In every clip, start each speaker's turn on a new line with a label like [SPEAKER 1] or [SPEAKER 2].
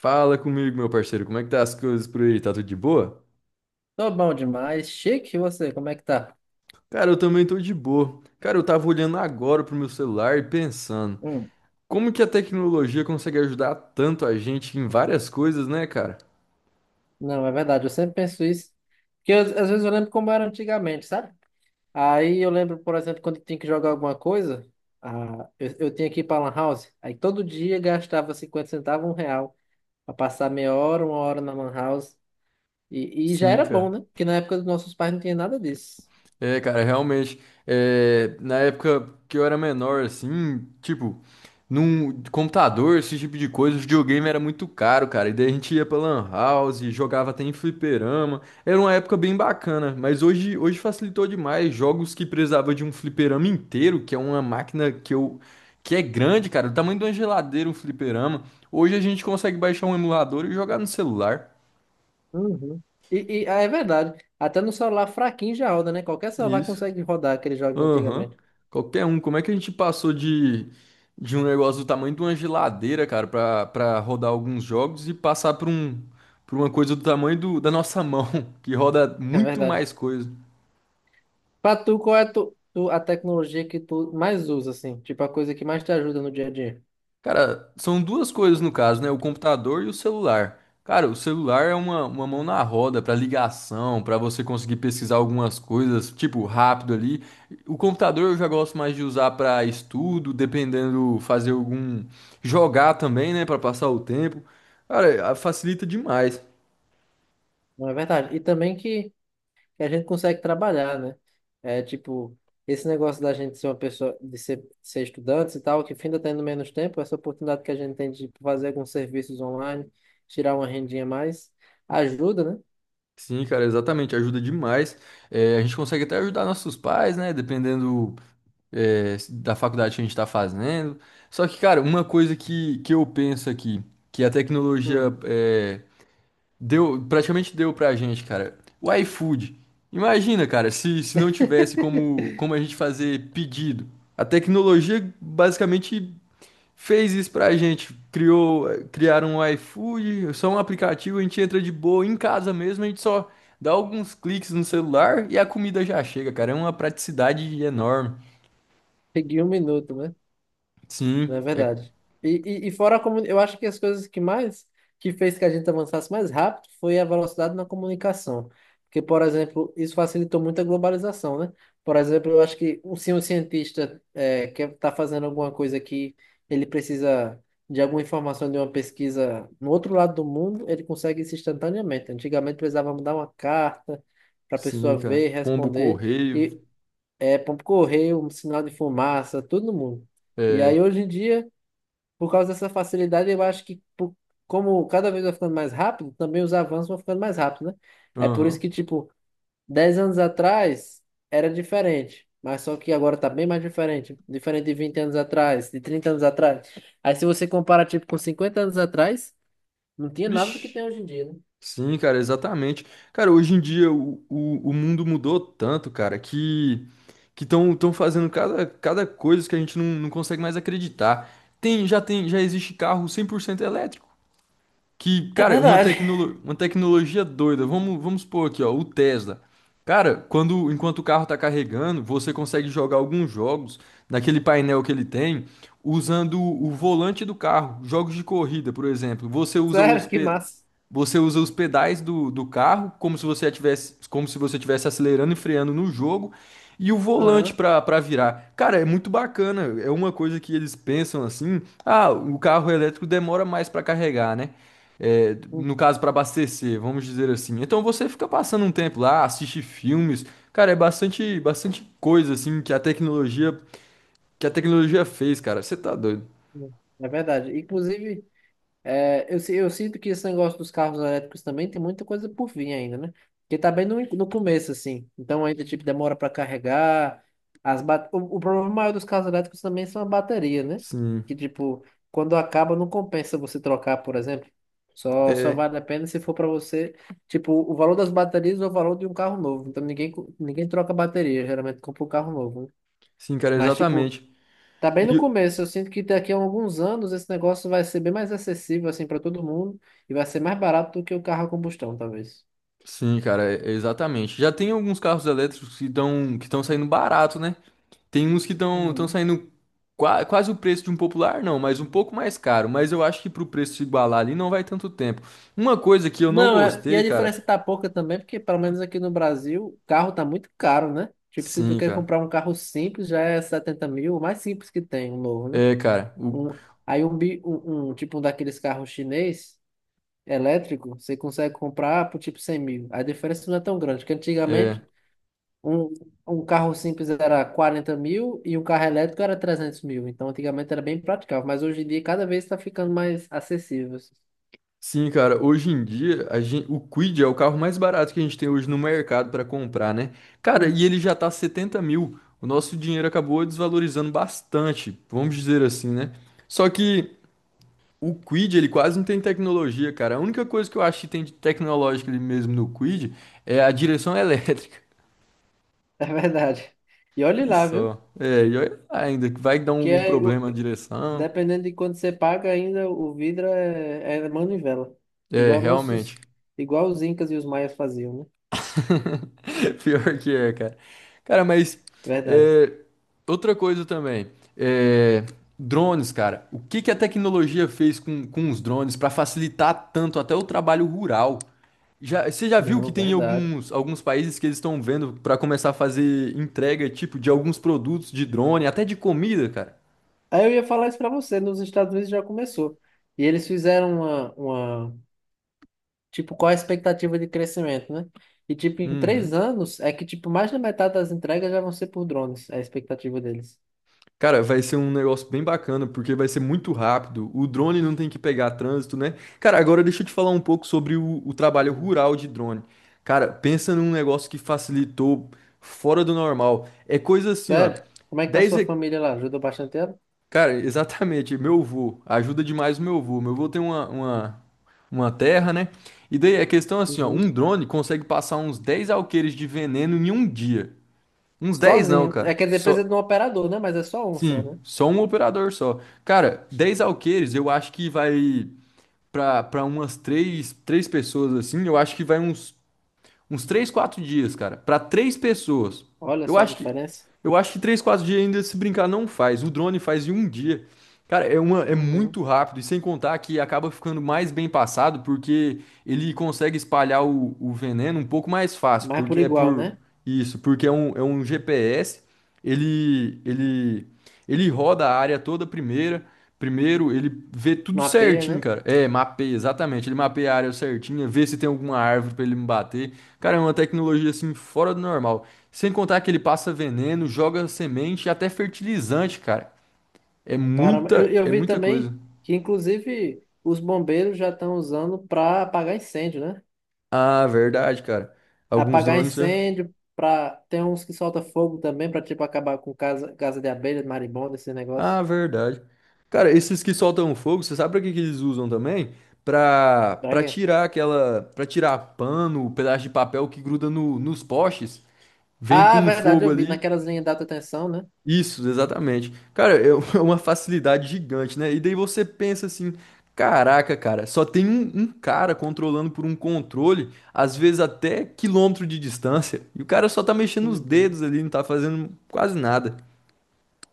[SPEAKER 1] Fala comigo, meu parceiro, como é que tá as coisas por aí? Tá tudo de boa?
[SPEAKER 2] Tô bom demais. Chique, e você, como é que tá?
[SPEAKER 1] Cara, eu também tô de boa. Cara, eu tava olhando agora pro meu celular e pensando,
[SPEAKER 2] Hum,
[SPEAKER 1] como que a tecnologia consegue ajudar tanto a gente em várias coisas, né, cara?
[SPEAKER 2] não, é verdade, eu sempre penso isso. Às vezes eu lembro como era antigamente, sabe? Aí eu lembro, por exemplo, quando tinha que jogar alguma coisa, eu tinha que ir pra Lan House, aí todo dia gastava 50 centavos, 1 real, pra passar meia hora, 1 hora na Lan House. E já
[SPEAKER 1] Sim,
[SPEAKER 2] era bom,
[SPEAKER 1] cara.
[SPEAKER 2] né? Porque na época dos nossos pais não tinha nada disso.
[SPEAKER 1] Cara, realmente, na época que eu era menor, assim, tipo, num computador, esse tipo de coisa, o videogame era muito caro, cara, e daí a gente ia pra Lan House, jogava até em fliperama, era uma época bem bacana, mas hoje facilitou demais, jogos que precisava de um fliperama inteiro, que é uma máquina que é grande, cara, do tamanho de uma geladeira, um fliperama, hoje a gente consegue baixar um emulador e jogar no celular,
[SPEAKER 2] Uhum. É verdade, até no celular fraquinho já roda, né? Qualquer celular
[SPEAKER 1] isso.
[SPEAKER 2] consegue rodar aquele jogo de
[SPEAKER 1] Aham.
[SPEAKER 2] antigamente.
[SPEAKER 1] Qualquer um. Como é que a gente passou de um negócio do tamanho de uma geladeira, cara, pra rodar alguns jogos e passar pra um, pra uma coisa do tamanho da nossa mão, que roda
[SPEAKER 2] É
[SPEAKER 1] muito
[SPEAKER 2] verdade.
[SPEAKER 1] mais coisa.
[SPEAKER 2] Pra tu, a tecnologia que tu mais usa, assim? Tipo, a coisa que mais te ajuda no dia a dia.
[SPEAKER 1] Cara, são duas coisas no caso, né? O computador e o celular. Cara, o celular é uma mão na roda para ligação, para você conseguir pesquisar algumas coisas, tipo, rápido ali. O computador eu já gosto mais de usar para estudo, dependendo, fazer algum. Jogar também, né? Para passar o tempo. Cara, a- facilita demais.
[SPEAKER 2] Não é verdade? E também que a gente consegue trabalhar, né? É tipo, esse negócio da gente ser uma pessoa, de ser estudantes e tal, que ainda tendo menos tempo, essa oportunidade que a gente tem de fazer alguns serviços online, tirar uma rendinha a mais, ajuda, né?
[SPEAKER 1] Sim, cara, exatamente, ajuda demais. É, a gente consegue até ajudar nossos pais, né? Dependendo, é, da faculdade que a gente está fazendo. Só que, cara, uma coisa que eu penso aqui, que a
[SPEAKER 2] Hum.
[SPEAKER 1] tecnologia praticamente deu pra gente, cara, o iFood. Imagina, cara, se não tivesse como a gente fazer pedido. A tecnologia basicamente fez isso pra gente, criaram um iFood, só um aplicativo, a gente entra de boa em casa mesmo, a gente só dá alguns cliques no celular e a comida já chega, cara. É uma praticidade enorme.
[SPEAKER 2] Peguei um minuto, né? Não é
[SPEAKER 1] Sim, é,
[SPEAKER 2] verdade. E, eu acho que as coisas que fez que a gente avançasse mais rápido foi a velocidade na comunicação. Porque, por exemplo, isso facilitou muito a globalização, né? Por exemplo, eu acho que se um cientista é, quer estar fazendo alguma coisa que ele precisa de alguma informação de uma pesquisa no outro lado do mundo, ele consegue isso instantaneamente. Antigamente precisava mandar uma carta para a
[SPEAKER 1] sim,
[SPEAKER 2] pessoa
[SPEAKER 1] cara.
[SPEAKER 2] ver,
[SPEAKER 1] Pombo
[SPEAKER 2] responder,
[SPEAKER 1] correio,
[SPEAKER 2] e por correio, um sinal de fumaça, tudo no mundo. E
[SPEAKER 1] é,
[SPEAKER 2] aí, hoje em dia por causa dessa facilidade, eu acho que por- como cada vez vai ficando mais rápido, também os avanços vão ficando mais rápidos, né? É por isso
[SPEAKER 1] aham.
[SPEAKER 2] que, tipo, 10 anos atrás era diferente, mas só que agora tá bem mais diferente. Diferente de 20 anos atrás, de 30 anos atrás. Aí se você compara, tipo, com 50 anos atrás, não tinha nada do que
[SPEAKER 1] Vixe.
[SPEAKER 2] tem hoje em dia, né?
[SPEAKER 1] Sim, cara, exatamente. Cara, hoje em dia o mundo mudou tanto, cara, que estão fazendo cada coisa que a gente não consegue mais acreditar. Já existe carro 100% elétrico. Que,
[SPEAKER 2] É
[SPEAKER 1] cara,
[SPEAKER 2] verdade.
[SPEAKER 1] uma tecnologia doida. Vamos supor aqui, ó, o Tesla. Cara, quando enquanto o carro tá carregando, você consegue jogar alguns jogos naquele painel que ele tem usando o volante do carro. Jogos de corrida, por exemplo.
[SPEAKER 2] Sério, que massa.
[SPEAKER 1] Você usa os pedais do carro como se você como se você tivesse acelerando e freando no jogo e o volante
[SPEAKER 2] Aham.
[SPEAKER 1] para virar. Cara, é muito bacana. É uma coisa que eles pensam assim: ah, o carro elétrico demora mais para carregar, né? É, no caso, para abastecer, vamos dizer assim. Então você fica passando um tempo lá, assiste filmes. Cara, é bastante coisa assim que a tecnologia fez, cara. Você tá doido?
[SPEAKER 2] Uhum. É verdade. Inclusive. Eu sinto que esse negócio dos carros elétricos também tem muita coisa por vir ainda, né? Porque tá bem no, in- No começo, assim. Então ainda, tipo, demora para carregar. O problema maior dos carros elétricos também são a bateria, né?
[SPEAKER 1] Sim,
[SPEAKER 2] Que, tipo, quando acaba, não compensa você trocar, por exemplo. Só
[SPEAKER 1] é,
[SPEAKER 2] vale a pena se for para você, tipo, o valor das baterias ou o valor de um carro novo. Então ninguém troca bateria, geralmente compra um carro novo, né?
[SPEAKER 1] sim, cara,
[SPEAKER 2] Mas, tipo,
[SPEAKER 1] exatamente.
[SPEAKER 2] tá bem no
[SPEAKER 1] E,
[SPEAKER 2] começo. Eu sinto que daqui a alguns anos esse negócio vai ser bem mais acessível assim para todo mundo e vai ser mais barato do que o carro a combustão, talvez.
[SPEAKER 1] sim, cara, é- exatamente. Já tem alguns carros elétricos que estão saindo barato, né? Tem uns que estão estão
[SPEAKER 2] Uhum.
[SPEAKER 1] saindo qua- quase o preço de um popular, não, mas um pouco mais caro. Mas eu acho que pro preço se igualar ali não vai tanto tempo. Uma coisa que eu não
[SPEAKER 2] Não, é. E a
[SPEAKER 1] gostei, cara.
[SPEAKER 2] diferença tá pouca também, porque pelo menos aqui no Brasil, o carro tá muito caro, né? Tipo, se tu
[SPEAKER 1] Sim,
[SPEAKER 2] quer
[SPEAKER 1] cara.
[SPEAKER 2] comprar um carro simples, já é 70 mil, o mais simples que tem, um novo, né?
[SPEAKER 1] É, cara. O,
[SPEAKER 2] Um, aí um, bi- um tipo um daqueles carros chinês elétrico, você consegue comprar por tipo 100 mil. A diferença não é tão grande, porque
[SPEAKER 1] é.
[SPEAKER 2] antigamente Um, um carro simples era 40 mil e um carro elétrico era 300 mil. Então, antigamente era bem praticável, mas hoje em dia cada vez está ficando mais acessível. Assim.
[SPEAKER 1] Sim, cara, hoje em dia a gen- o Kwid é o carro mais barato que a gente tem hoje no mercado para comprar, né? Cara,
[SPEAKER 2] Uhum.
[SPEAKER 1] e ele já tá 70 mil. O nosso dinheiro acabou desvalorizando bastante, vamos dizer assim, né? Só que o Kwid, ele quase não tem tecnologia, cara. A única coisa que eu acho que tem de tecnológica ali mesmo no Kwid é a direção elétrica.
[SPEAKER 2] É verdade. E olhe
[SPEAKER 1] E
[SPEAKER 2] lá, viu?
[SPEAKER 1] só. É, e olha lá ainda, vai dar
[SPEAKER 2] Que
[SPEAKER 1] algum
[SPEAKER 2] é, o-
[SPEAKER 1] problema a direção.
[SPEAKER 2] Dependendo de quanto você paga, ainda o vidro é manivela.
[SPEAKER 1] É,
[SPEAKER 2] Igual
[SPEAKER 1] realmente.
[SPEAKER 2] nossos, Igual os incas e os maias faziam, né?
[SPEAKER 1] Pior que é, cara. Cara, mas
[SPEAKER 2] Verdade.
[SPEAKER 1] é, outra coisa também. É, drones, cara. O que que a tecnologia fez com os drones para facilitar tanto até o trabalho rural? Já, você já viu que
[SPEAKER 2] Não,
[SPEAKER 1] tem
[SPEAKER 2] verdade.
[SPEAKER 1] alguns países que eles estão vendo para começar a fazer entrega, tipo, de alguns produtos de drone, até de comida, cara?
[SPEAKER 2] Aí eu ia falar isso para você, nos Estados Unidos já começou. E eles fizeram uma tipo, qual a expectativa de crescimento, né? E, tipo, em três
[SPEAKER 1] Uhum.
[SPEAKER 2] anos, é que, tipo, mais da metade das entregas já vão ser por drones, é a expectativa deles.
[SPEAKER 1] Cara, vai ser um negócio bem bacana, porque vai ser muito rápido. O drone não tem que pegar trânsito, né? Cara, agora deixa eu te falar um pouco sobre o trabalho
[SPEAKER 2] Hum.
[SPEAKER 1] rural de drone. Cara, pensa num negócio que facilitou fora do normal. É coisa assim, ó.
[SPEAKER 2] Sério? Como é que tá a
[SPEAKER 1] 10,
[SPEAKER 2] sua
[SPEAKER 1] he-
[SPEAKER 2] família lá? Ajudou bastante ela?
[SPEAKER 1] cara, exatamente, meu avô. Ajuda demais o meu avô. Meu avô tem uma terra, né? E daí a questão é assim, ó.
[SPEAKER 2] Uhum.
[SPEAKER 1] Um drone consegue passar uns 10 alqueires de veneno em um dia. Uns 10 não,
[SPEAKER 2] Sozinho. É,
[SPEAKER 1] cara.
[SPEAKER 2] quer dizer, precisa
[SPEAKER 1] Só
[SPEAKER 2] de um operador, né? Mas é só um só,
[SPEAKER 1] sim,
[SPEAKER 2] né?
[SPEAKER 1] só um operador só. Cara, 10 alqueires, eu acho que vai pra umas três pessoas assim, eu acho que vai uns uns 3 4 dias, cara, pra três pessoas.
[SPEAKER 2] Olha
[SPEAKER 1] Eu
[SPEAKER 2] só a
[SPEAKER 1] acho que
[SPEAKER 2] diferença.
[SPEAKER 1] eu acho que 3 4 dias ainda se brincar não faz. O drone faz em um dia. Cara, é uma é
[SPEAKER 2] Uhum.
[SPEAKER 1] muito rápido e sem contar que acaba ficando mais bem passado porque ele consegue espalhar o veneno um pouco mais fácil,
[SPEAKER 2] Mas é por
[SPEAKER 1] porque é
[SPEAKER 2] igual,
[SPEAKER 1] por
[SPEAKER 2] né?
[SPEAKER 1] isso, porque é é um GPS. Ele, ele, ele roda a área toda primeira. Primeiro, ele vê tudo
[SPEAKER 2] Mapeia,
[SPEAKER 1] certinho,
[SPEAKER 2] né?
[SPEAKER 1] cara. É, mapeia, exatamente. Ele mapeia a área certinha, vê se tem alguma árvore pra ele me bater. Cara, é uma tecnologia assim fora do normal. Sem contar que ele passa veneno, joga semente e até fertilizante, cara.
[SPEAKER 2] Para... Eu, eu
[SPEAKER 1] É
[SPEAKER 2] vi
[SPEAKER 1] muita
[SPEAKER 2] também
[SPEAKER 1] coisa.
[SPEAKER 2] que, inclusive, os bombeiros já estão usando para apagar incêndio, né?
[SPEAKER 1] Ah, verdade, cara. Alguns
[SPEAKER 2] Apagar
[SPEAKER 1] drones, né?
[SPEAKER 2] incêndio, pra... tem uns que soltam fogo também pra tipo acabar com casa, casa de abelha, marimbondo, esse
[SPEAKER 1] Ah,
[SPEAKER 2] negócio.
[SPEAKER 1] verdade. Cara, esses que soltam fogo, você sabe pra que que eles usam também?
[SPEAKER 2] Pra
[SPEAKER 1] Pra
[SPEAKER 2] quê?
[SPEAKER 1] tirar pra tirar pano, pedaço de papel que gruda no, nos postes, vem
[SPEAKER 2] Ah,
[SPEAKER 1] com
[SPEAKER 2] é
[SPEAKER 1] um
[SPEAKER 2] verdade,
[SPEAKER 1] fogo
[SPEAKER 2] eu vi.
[SPEAKER 1] ali.
[SPEAKER 2] Naquelas linhas de alta tensão, né?
[SPEAKER 1] Isso, exatamente. Cara, é é uma facilidade gigante, né? E daí você pensa assim, caraca, cara, só tem um cara controlando por um controle, às vezes até quilômetro de distância, e o cara só tá mexendo os
[SPEAKER 2] Uhum.
[SPEAKER 1] dedos ali, não tá fazendo quase nada.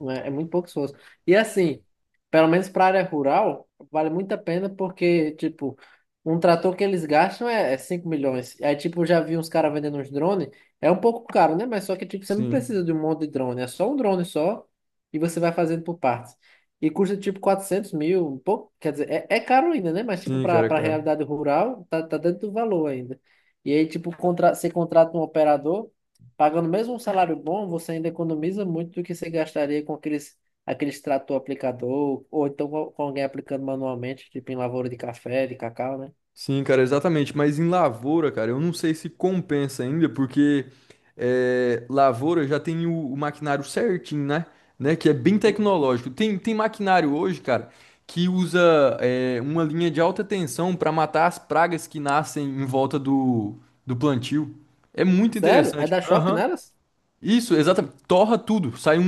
[SPEAKER 2] Né? É muito pouco pessoas. E assim, pelo menos para área rural, vale muito a pena porque, tipo, um trator que eles gastam é 5 milhões. Aí, tipo, eu já vi uns caras vendendo uns drones. É um pouco caro, né? Mas só que, tipo, você não
[SPEAKER 1] Sim,
[SPEAKER 2] precisa de um monte de drone. É só um drone só e você vai fazendo por partes. E custa, tipo, 400 mil, um pouco. Quer dizer, é caro ainda, né? Mas, tipo, para para a
[SPEAKER 1] cara.
[SPEAKER 2] realidade rural, tá dentro do valor ainda. E aí, tipo, contra, você contrata um operador pagando mesmo um salário bom, você ainda economiza muito do que você gastaria com aqueles, aqueles trator aplicador, ou então com alguém aplicando manualmente, tipo em lavoura de café, de cacau, né?
[SPEAKER 1] Sim, cara, exatamente. Mas em lavoura, cara, eu não sei se compensa ainda, porque é, lavoura já tem o maquinário certinho, né? Né? Que é bem tecnológico. Tem maquinário hoje, cara, que usa é, uma linha de alta tensão para matar as pragas que nascem em volta do plantio. É muito
[SPEAKER 2] Sério? Aí
[SPEAKER 1] interessante.
[SPEAKER 2] dá choque
[SPEAKER 1] Aham.
[SPEAKER 2] nelas?
[SPEAKER 1] Isso, exatamente. Torra tudo.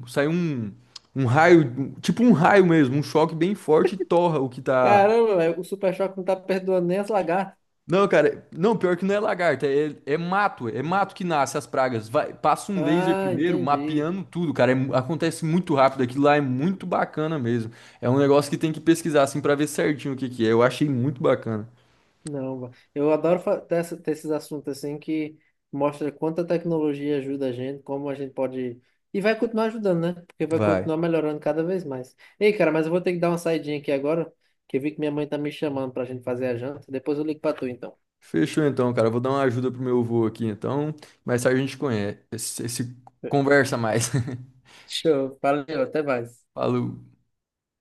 [SPEAKER 1] um- sai um, um raio, tipo um raio mesmo, um choque bem forte, e torra o que tá.
[SPEAKER 2] Caramba, velho, o super choque não tá perdoando nem as lagartas.
[SPEAKER 1] Não, cara, não, pior que não é lagarta, é mato que nasce as pragas. Vai, passa um laser
[SPEAKER 2] Ah,
[SPEAKER 1] primeiro,
[SPEAKER 2] entendi.
[SPEAKER 1] mapeando tudo, cara. É mu- acontece muito rápido, aquilo lá é muito bacana mesmo. É um negócio que tem que pesquisar assim pra ver certinho o que que é. Eu achei muito bacana.
[SPEAKER 2] Não, va- eu adoro fa- ter, essa- Ter esses assuntos assim que mostra quanta tecnologia ajuda a gente, como a gente pode. E vai continuar ajudando, né? Porque vai
[SPEAKER 1] Vai.
[SPEAKER 2] continuar melhorando cada vez mais. Ei, cara, mas eu vou ter que dar uma saidinha aqui agora, que eu vi que minha mãe tá me chamando pra gente fazer a janta. Depois eu ligo pra tu, então.
[SPEAKER 1] Fechou então, cara. Eu vou dar uma ajuda pro meu avô aqui, então. Mais tarde a gente conhece, se conversa mais.
[SPEAKER 2] Show, valeu, até mais.
[SPEAKER 1] Falou.